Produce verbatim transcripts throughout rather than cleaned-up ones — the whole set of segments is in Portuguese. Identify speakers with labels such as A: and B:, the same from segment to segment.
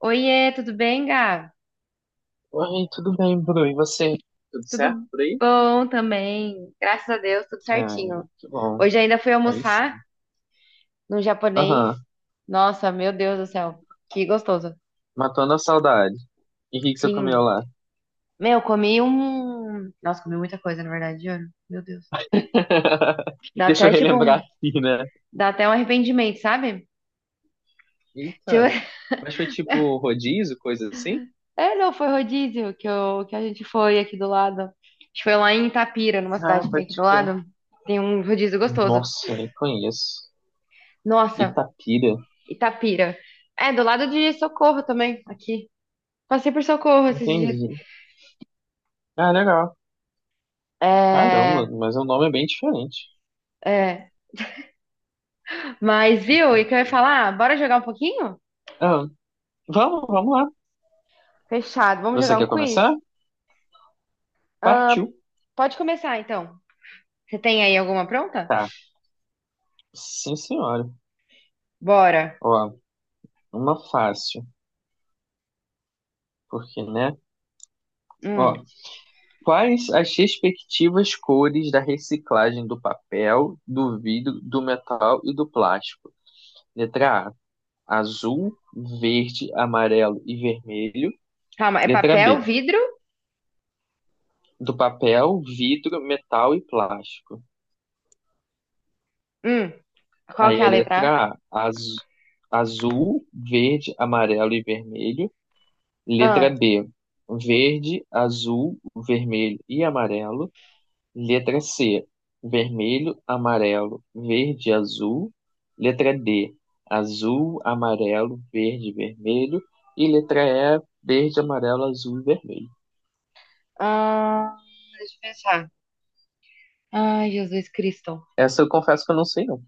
A: Oiê, tudo bem, Gá?
B: Oi, tudo bem, Bru? E você? Tudo certo
A: Tudo
B: por aí?
A: bom também. Graças a Deus, tudo certinho.
B: Ai, que bom.
A: Hoje ainda fui
B: Aí
A: almoçar
B: sim.
A: no japonês.
B: Aham,
A: Nossa, meu Deus do céu, que gostoso.
B: matando a saudade. E o que que você comeu
A: Sim.
B: lá?
A: Meu, comi um. Nossa, comi muita coisa, na verdade, juro. Meu Deus. Dá
B: Deixa eu
A: até tipo
B: relembrar
A: um.
B: aqui, né?
A: Dá até um arrependimento, sabe? Tipo.
B: Eita, mas foi tipo rodízio, coisa assim?
A: É, não, foi rodízio que, eu... que a gente foi aqui do lado. A gente foi lá em Itapira, numa
B: Ah,
A: cidade que tem
B: pode
A: aqui do
B: crer.
A: lado. Tem um rodízio gostoso.
B: Nossa, nem conheço.
A: Nossa.
B: Itapira.
A: Itapira. É, do lado de Socorro também, aqui. Passei por Socorro esses dias.
B: Entendi. Ah, legal.
A: É,
B: Caramba, mas o nome é bem diferente.
A: é. Mas, viu, e o que eu ia
B: Itapira.
A: falar? Bora jogar um pouquinho?
B: Ah, vamos, vamos lá.
A: Fechado. Vamos
B: Você
A: jogar um
B: quer
A: quiz?
B: começar?
A: Ah,
B: Partiu.
A: pode começar, então. Você tem aí alguma pronta?
B: Tá. Sim, senhora.
A: Bora.
B: Ó, uma fácil, porque, né?
A: Hum,
B: Ó, quais as respectivas cores da reciclagem do papel, do vidro, do metal e do plástico? Letra A, azul, verde, amarelo e vermelho.
A: calma, é
B: Letra
A: papel,
B: B,
A: vidro?
B: do papel, vidro, metal e plástico.
A: Hum, qual que
B: Aí
A: é
B: a
A: a letra A?
B: letra A, az- azul, verde, amarelo e vermelho. Letra
A: Ah,
B: B, verde, azul, vermelho e amarelo. Letra C, vermelho, amarelo, verde, azul. Letra D, azul, amarelo, verde, e vermelho. E letra E, verde, amarelo, azul e vermelho.
A: ah, deixa eu pensar. Ai, Jesus Cristo.
B: Essa eu confesso que eu não sei, não.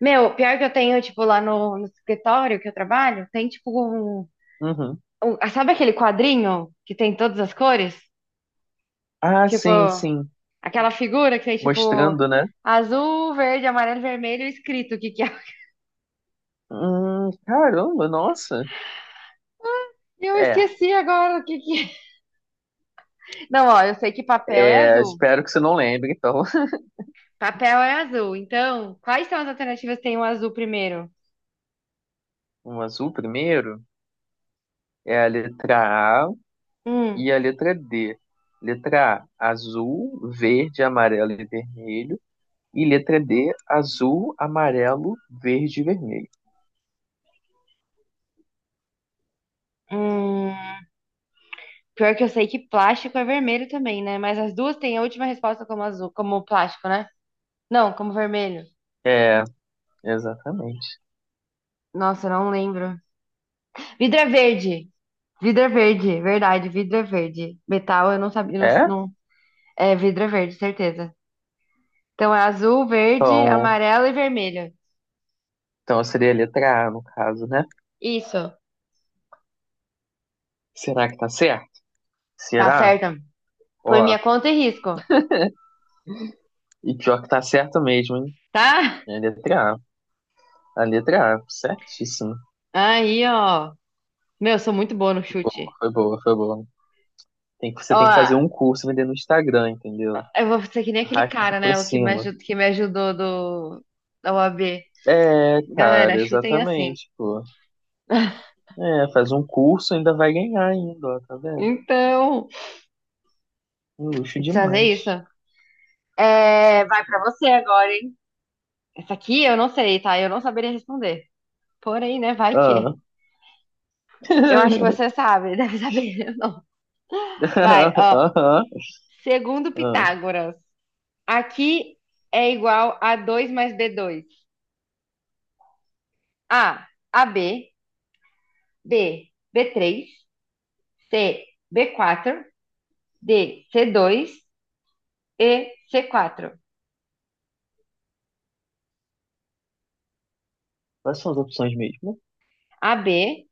A: Meu, pior que eu tenho, tipo, lá no, no escritório que eu trabalho, tem, tipo, um
B: Uhum.
A: um- ah, sabe aquele quadrinho que tem todas as cores?
B: Ah,
A: Tipo,
B: sim, sim.
A: aquela figura que tem tipo
B: Mostrando, né?
A: azul, verde, amarelo, vermelho escrito o que que é.
B: Hum, caramba, nossa.
A: Eu
B: É,
A: esqueci agora o que que é. Não, ó, eu sei que papel é
B: é,
A: azul.
B: espero que você não lembre, então.
A: Papel é azul. Então, quais são as alternativas que tem o azul primeiro?
B: O azul primeiro é a letra A
A: Hum,
B: e a letra D. Letra A, azul, verde, amarelo e vermelho. E letra D, azul, amarelo, verde e vermelho.
A: hum, pior que eu sei que plástico é vermelho também, né? Mas as duas têm a última resposta como azul, como plástico, né? Não, como vermelho.
B: É, exatamente.
A: Nossa, eu não lembro. Vidro é verde. Vidro é verde, verdade, vidro é verde. Metal, eu não sabia, não,
B: É?
A: não- é, vidro é verde, certeza. Então é azul, verde,
B: Então,
A: amarelo e vermelho.
B: então seria a letra A, no caso, né?
A: Isso,
B: Será que tá certo?
A: tá
B: Será?
A: certo. Foi
B: Ó,
A: minha conta e risco,
B: e pior que tá certo mesmo, hein?
A: tá?
B: É a letra A. A letra A, certíssimo.
A: Aí, ó. Meu, eu sou muito boa no chute.
B: Foi boa, foi boa. Tem que, você
A: Ó,
B: tem que fazer um curso e vender no Instagram, entendeu?
A: eu vou ser que nem aquele
B: Arrasta
A: cara,
B: pra
A: né? O que me
B: cima.
A: ajudou, que me ajudou do, da O A B.
B: É,
A: Galera,
B: cara,
A: chutem assim.
B: exatamente, pô. É, faz um curso ainda vai ganhar ainda, ó, tá vendo?
A: Então,
B: Um luxo
A: eu preciso fazer isso.
B: demais.
A: É, vai pra você agora, hein? Essa aqui eu não sei, tá? Eu não saberia responder. Porém, né? Vai que.
B: Ah,
A: Eu acho que você sabe, deve saber. Eu não. Vai,
B: Aham,
A: ó.
B: aham.
A: Segundo Pitágoras, aqui é igual a dois mais b dois A, AB, B, b três C, b quatro D, c dois e C quatro.
B: Quais são as opções mesmo?
A: AB,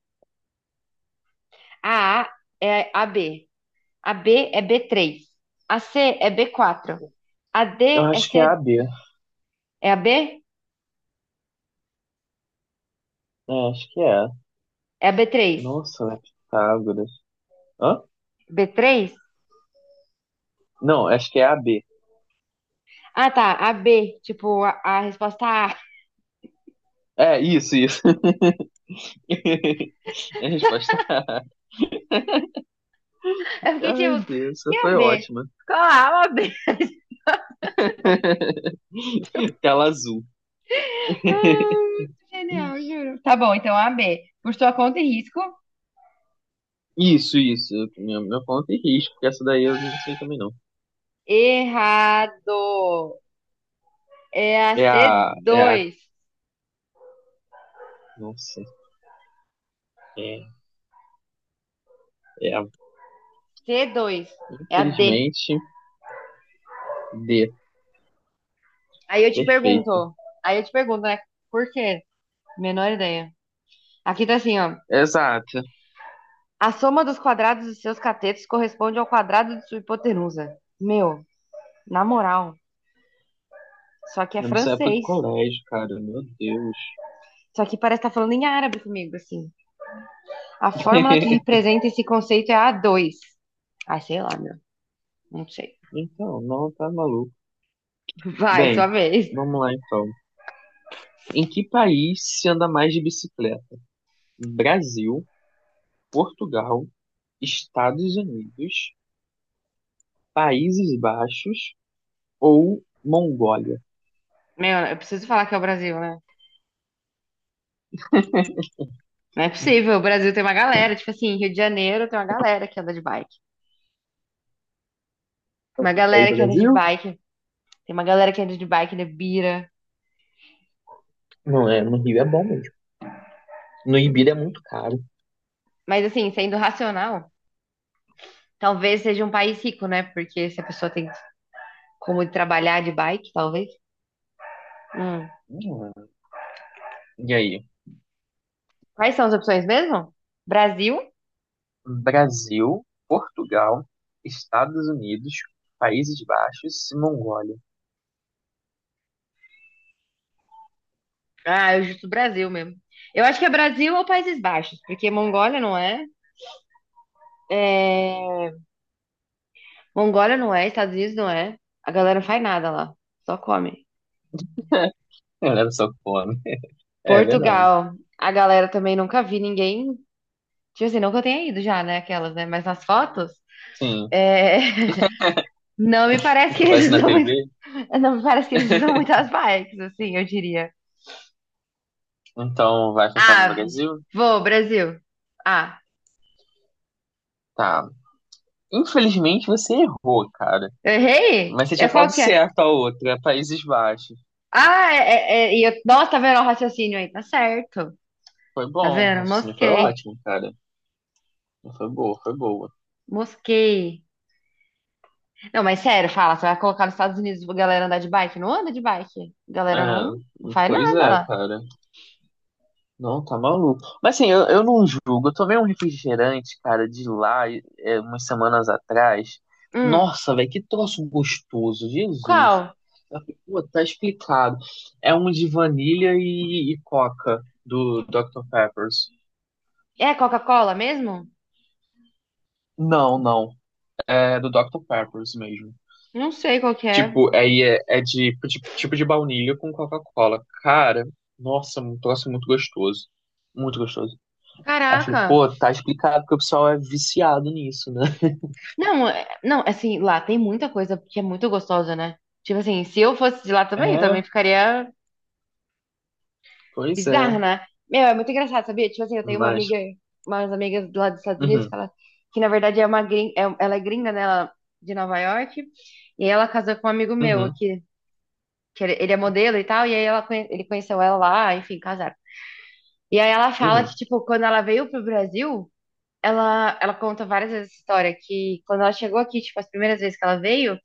A: a A é AB, AB é B três, AC é B quatro, AD
B: Eu
A: é
B: acho que é a
A: C,
B: B.
A: é AB,
B: É, acho que é.
A: é b três
B: Nossa, é Pitágoras. Hã?
A: b três
B: Não, acho que é a B.
A: Ah, tá. A B. Tipo, a, a resposta A.
B: É, isso, isso. É a resposta.
A: Eu fiquei
B: Ai,
A: tipo,
B: Deus,
A: que
B: essa
A: é A
B: foi
A: B?
B: ótima.
A: Qual A? A B.
B: Tela azul.
A: Ah, muito genial, juro. Tá bom, então A B. Por sua conta e risco.
B: Isso, isso. Meu, meu ponto e risco, porque essa daí eu não sei também não.
A: Errado. É a
B: É
A: c
B: a. É a.
A: dois.
B: Nossa. É, é a.
A: C dois. É a D.
B: Infelizmente, D.
A: Aí eu te
B: Perfeito.
A: pergunto. Aí eu te pergunto, né? Por quê? Menor ideia. Aqui tá assim, ó.
B: Exato.
A: A soma dos quadrados dos seus catetos corresponde ao quadrado de sua hipotenusa. Meu, na moral. Só que é
B: É, nessa época do
A: francês.
B: colégio, cara, meu Deus.
A: Só que parece estar falando em árabe comigo, assim. A fórmula que representa esse conceito é a dois. 2. Ai, sei lá, meu. Não sei.
B: Então, não, tá maluco.
A: Vai, sua
B: Bem,
A: vez.
B: vamos lá então. Em que país se anda mais de bicicleta? Brasil, Portugal, Estados Unidos, Países Baixos ou Mongólia?
A: Meu, eu preciso falar que é o Brasil, né? Não é possível. O Brasil tem uma galera. Tipo assim, Rio de Janeiro tem uma galera que anda de bike. Uma
B: Fica aí,
A: galera que anda de
B: Brasil?
A: bike. Tem uma galera que anda de bike na Bira.
B: Não é, no Rio é bom mesmo. No Ibira é muito caro.
A: Mas assim, sendo racional, talvez seja um país rico, né? Porque se a pessoa tem como trabalhar de bike, talvez. Hum.
B: Hum. E aí?
A: Quais são as opções mesmo? Brasil,
B: Brasil, Portugal, Estados Unidos, Países Baixos e Mongólia.
A: ah, eu justo Brasil mesmo. Eu acho que é Brasil ou Países Baixos, porque Mongólia não é. É, Mongólia não é, Estados Unidos não é. A galera não faz nada lá, só come.
B: Olha só que fome. É verdade.
A: Portugal, a galera também nunca vi ninguém. Tipo assim, não que eu tenha ido já, né? Aquelas, né? Mas nas fotos,
B: Sim,
A: é, não me parece que
B: fica
A: eles
B: aparecendo na
A: usam muito.
B: T V,
A: Não me parece que eles usam muitas bikes, assim, eu diria.
B: então vai fechar no
A: Ah,
B: Brasil.
A: vou, Brasil. Ah,
B: Tá. Infelizmente você errou, cara.
A: eu errei?
B: Mas você
A: É
B: tinha
A: qual
B: falado
A: que é?
B: certo a outra, Países Baixos.
A: Ah, é, é, é, e eu- nossa, tá vendo o raciocínio aí? Tá certo.
B: Foi
A: Tá
B: bom, o
A: vendo?
B: raciocínio foi
A: Mosquei.
B: ótimo, cara. Foi boa, foi boa.
A: Mosquei. Não, mas sério, fala, você vai colocar nos Estados Unidos pra galera andar de bike? Não anda de bike.
B: É,
A: Galera não, não faz
B: pois
A: nada
B: é,
A: lá.
B: cara. Não, tá maluco. Mas assim, eu, eu não julgo. Eu tomei um refrigerante, cara, de lá, é, umas semanas atrás.
A: Hum.
B: Nossa, velho, que troço gostoso, Jesus.
A: Qual?
B: Eu falei, pô, tá explicado. É um de vanilha e, e coca do doutor Peppers.
A: É Coca-Cola mesmo?
B: Não, não. É do doutor Peppers mesmo.
A: Não sei qual que é.
B: Tipo, aí é, é de, de- tipo de baunilha com Coca-Cola. Cara, nossa, um troço muito gostoso. Muito gostoso. Aí eu falei,
A: Caraca.
B: pô, tá explicado porque o pessoal é viciado nisso, né?
A: Não, é- não, assim, lá tem muita coisa que é muito gostosa, né? Tipo assim, se eu fosse de lá também, eu também
B: É,
A: ficaria
B: pois é.
A: bizarro, né? Meu, é muito engraçado, sabia? Tipo assim, eu tenho uma amiga,
B: Mas.
A: umas amigas lá dos Estados Unidos, que,
B: Uhum,
A: ela, que na verdade é uma gringa, ela é gringa, né? Ela, é de Nova York, e ela casou com um amigo meu
B: uhum,
A: aqui, que ele ele é modelo e tal, e aí ela, conhe- ele conheceu ela lá, enfim, casaram. E aí ela fala que,
B: uhum,
A: tipo, quando ela veio pro Brasil, ela, ela conta várias vezes essa história, que quando ela chegou aqui, tipo, as primeiras vezes que ela veio,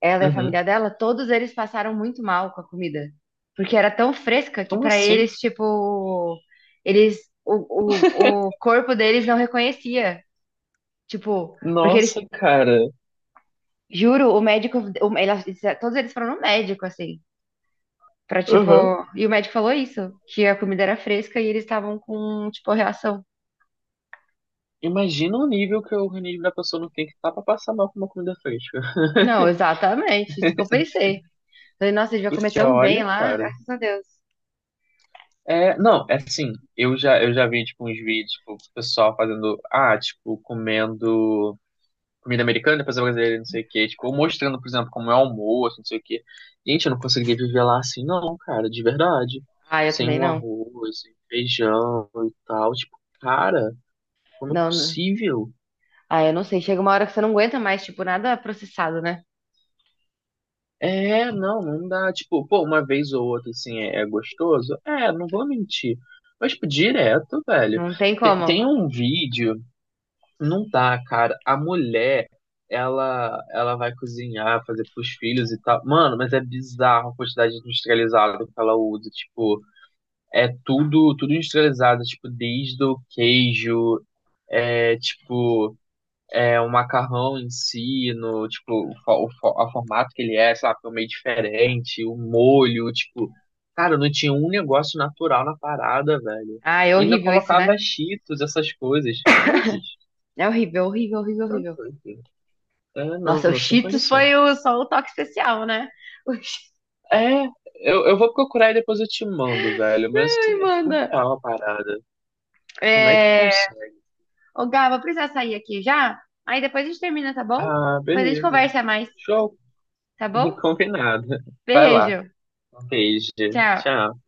A: ela e a
B: uhum.
A: família dela, todos eles passaram muito mal com a comida. Porque era tão fresca que
B: Como
A: pra
B: assim?
A: eles, tipo, eles o, o, o corpo deles não reconhecia. Tipo, porque eles,
B: Nossa, cara.
A: juro, o médico, o- ela- todos eles foram no médico, assim, pra, tipo,
B: Uhum.
A: e o médico falou isso, que a comida era fresca e eles estavam com, tipo, reação.
B: Imagina o nível que o organismo da pessoa não tem que estar pra passar mal com uma comida fresca.
A: Não, exatamente, isso que eu pensei. Falei, nossa, a gente vai comer
B: Porque
A: tão
B: olha,
A: bem lá,
B: cara.
A: graças a Deus.
B: É, não, é assim, eu já, eu já vi, tipo, uns vídeos, tipo, o pessoal fazendo, ah, tipo, comendo comida americana, depois a brasileira, não sei o quê. Tipo, ou mostrando, por exemplo, como é o almoço, não sei o quê. Gente, eu não conseguia viver lá assim, não, cara, de verdade.
A: Ah, eu
B: Sem
A: também
B: um
A: não.
B: arroz, sem feijão e tal. Tipo, cara, como é
A: Não,
B: possível?
A: ah, eu não sei. Chega uma hora que você não aguenta mais, tipo, nada processado, né?
B: É, não, não dá. Tipo, pô, uma vez ou outra, assim, é, é gostoso? É, não vou mentir. Mas, tipo, direto, velho.
A: Não tem
B: Tem,
A: como.
B: tem um vídeo. Não tá, cara. A mulher, ela, ela vai cozinhar, fazer pros filhos e tal. Mano, mas é bizarro a quantidade de industrializado que ela usa. Tipo, é tudo, tudo industrializado. Tipo, desde o queijo, é tipo, é o macarrão em si, no, tipo, o, fo- o, fo- o formato que ele é, sabe? É meio diferente, o molho, tipo. Cara, não tinha um negócio natural na parada, velho.
A: Ah, é
B: E ainda
A: horrível isso, né?
B: colocava cheetos, essas coisas. Cruzes.
A: É horrível, horrível, horrível,
B: Tá
A: horrível.
B: doido. É, não,
A: Nossa, o
B: não, sem
A: Cheetos
B: condição.
A: foi o- só o toque especial, né? O Cheetos
B: É, eu, eu vou procurar e depois eu te mando, velho. Mas assim, é
A: manda.
B: surreal a parada. Como é que
A: É.
B: consegue?
A: Ô, Gá, vou precisar sair aqui já. Aí depois a gente termina, tá bom?
B: Ah,
A: Depois a gente
B: beleza.
A: conversa mais,
B: Show.
A: tá bom?
B: Combinado. Vai lá.
A: Beijo.
B: Um beijo.
A: Tchau.
B: Tchau.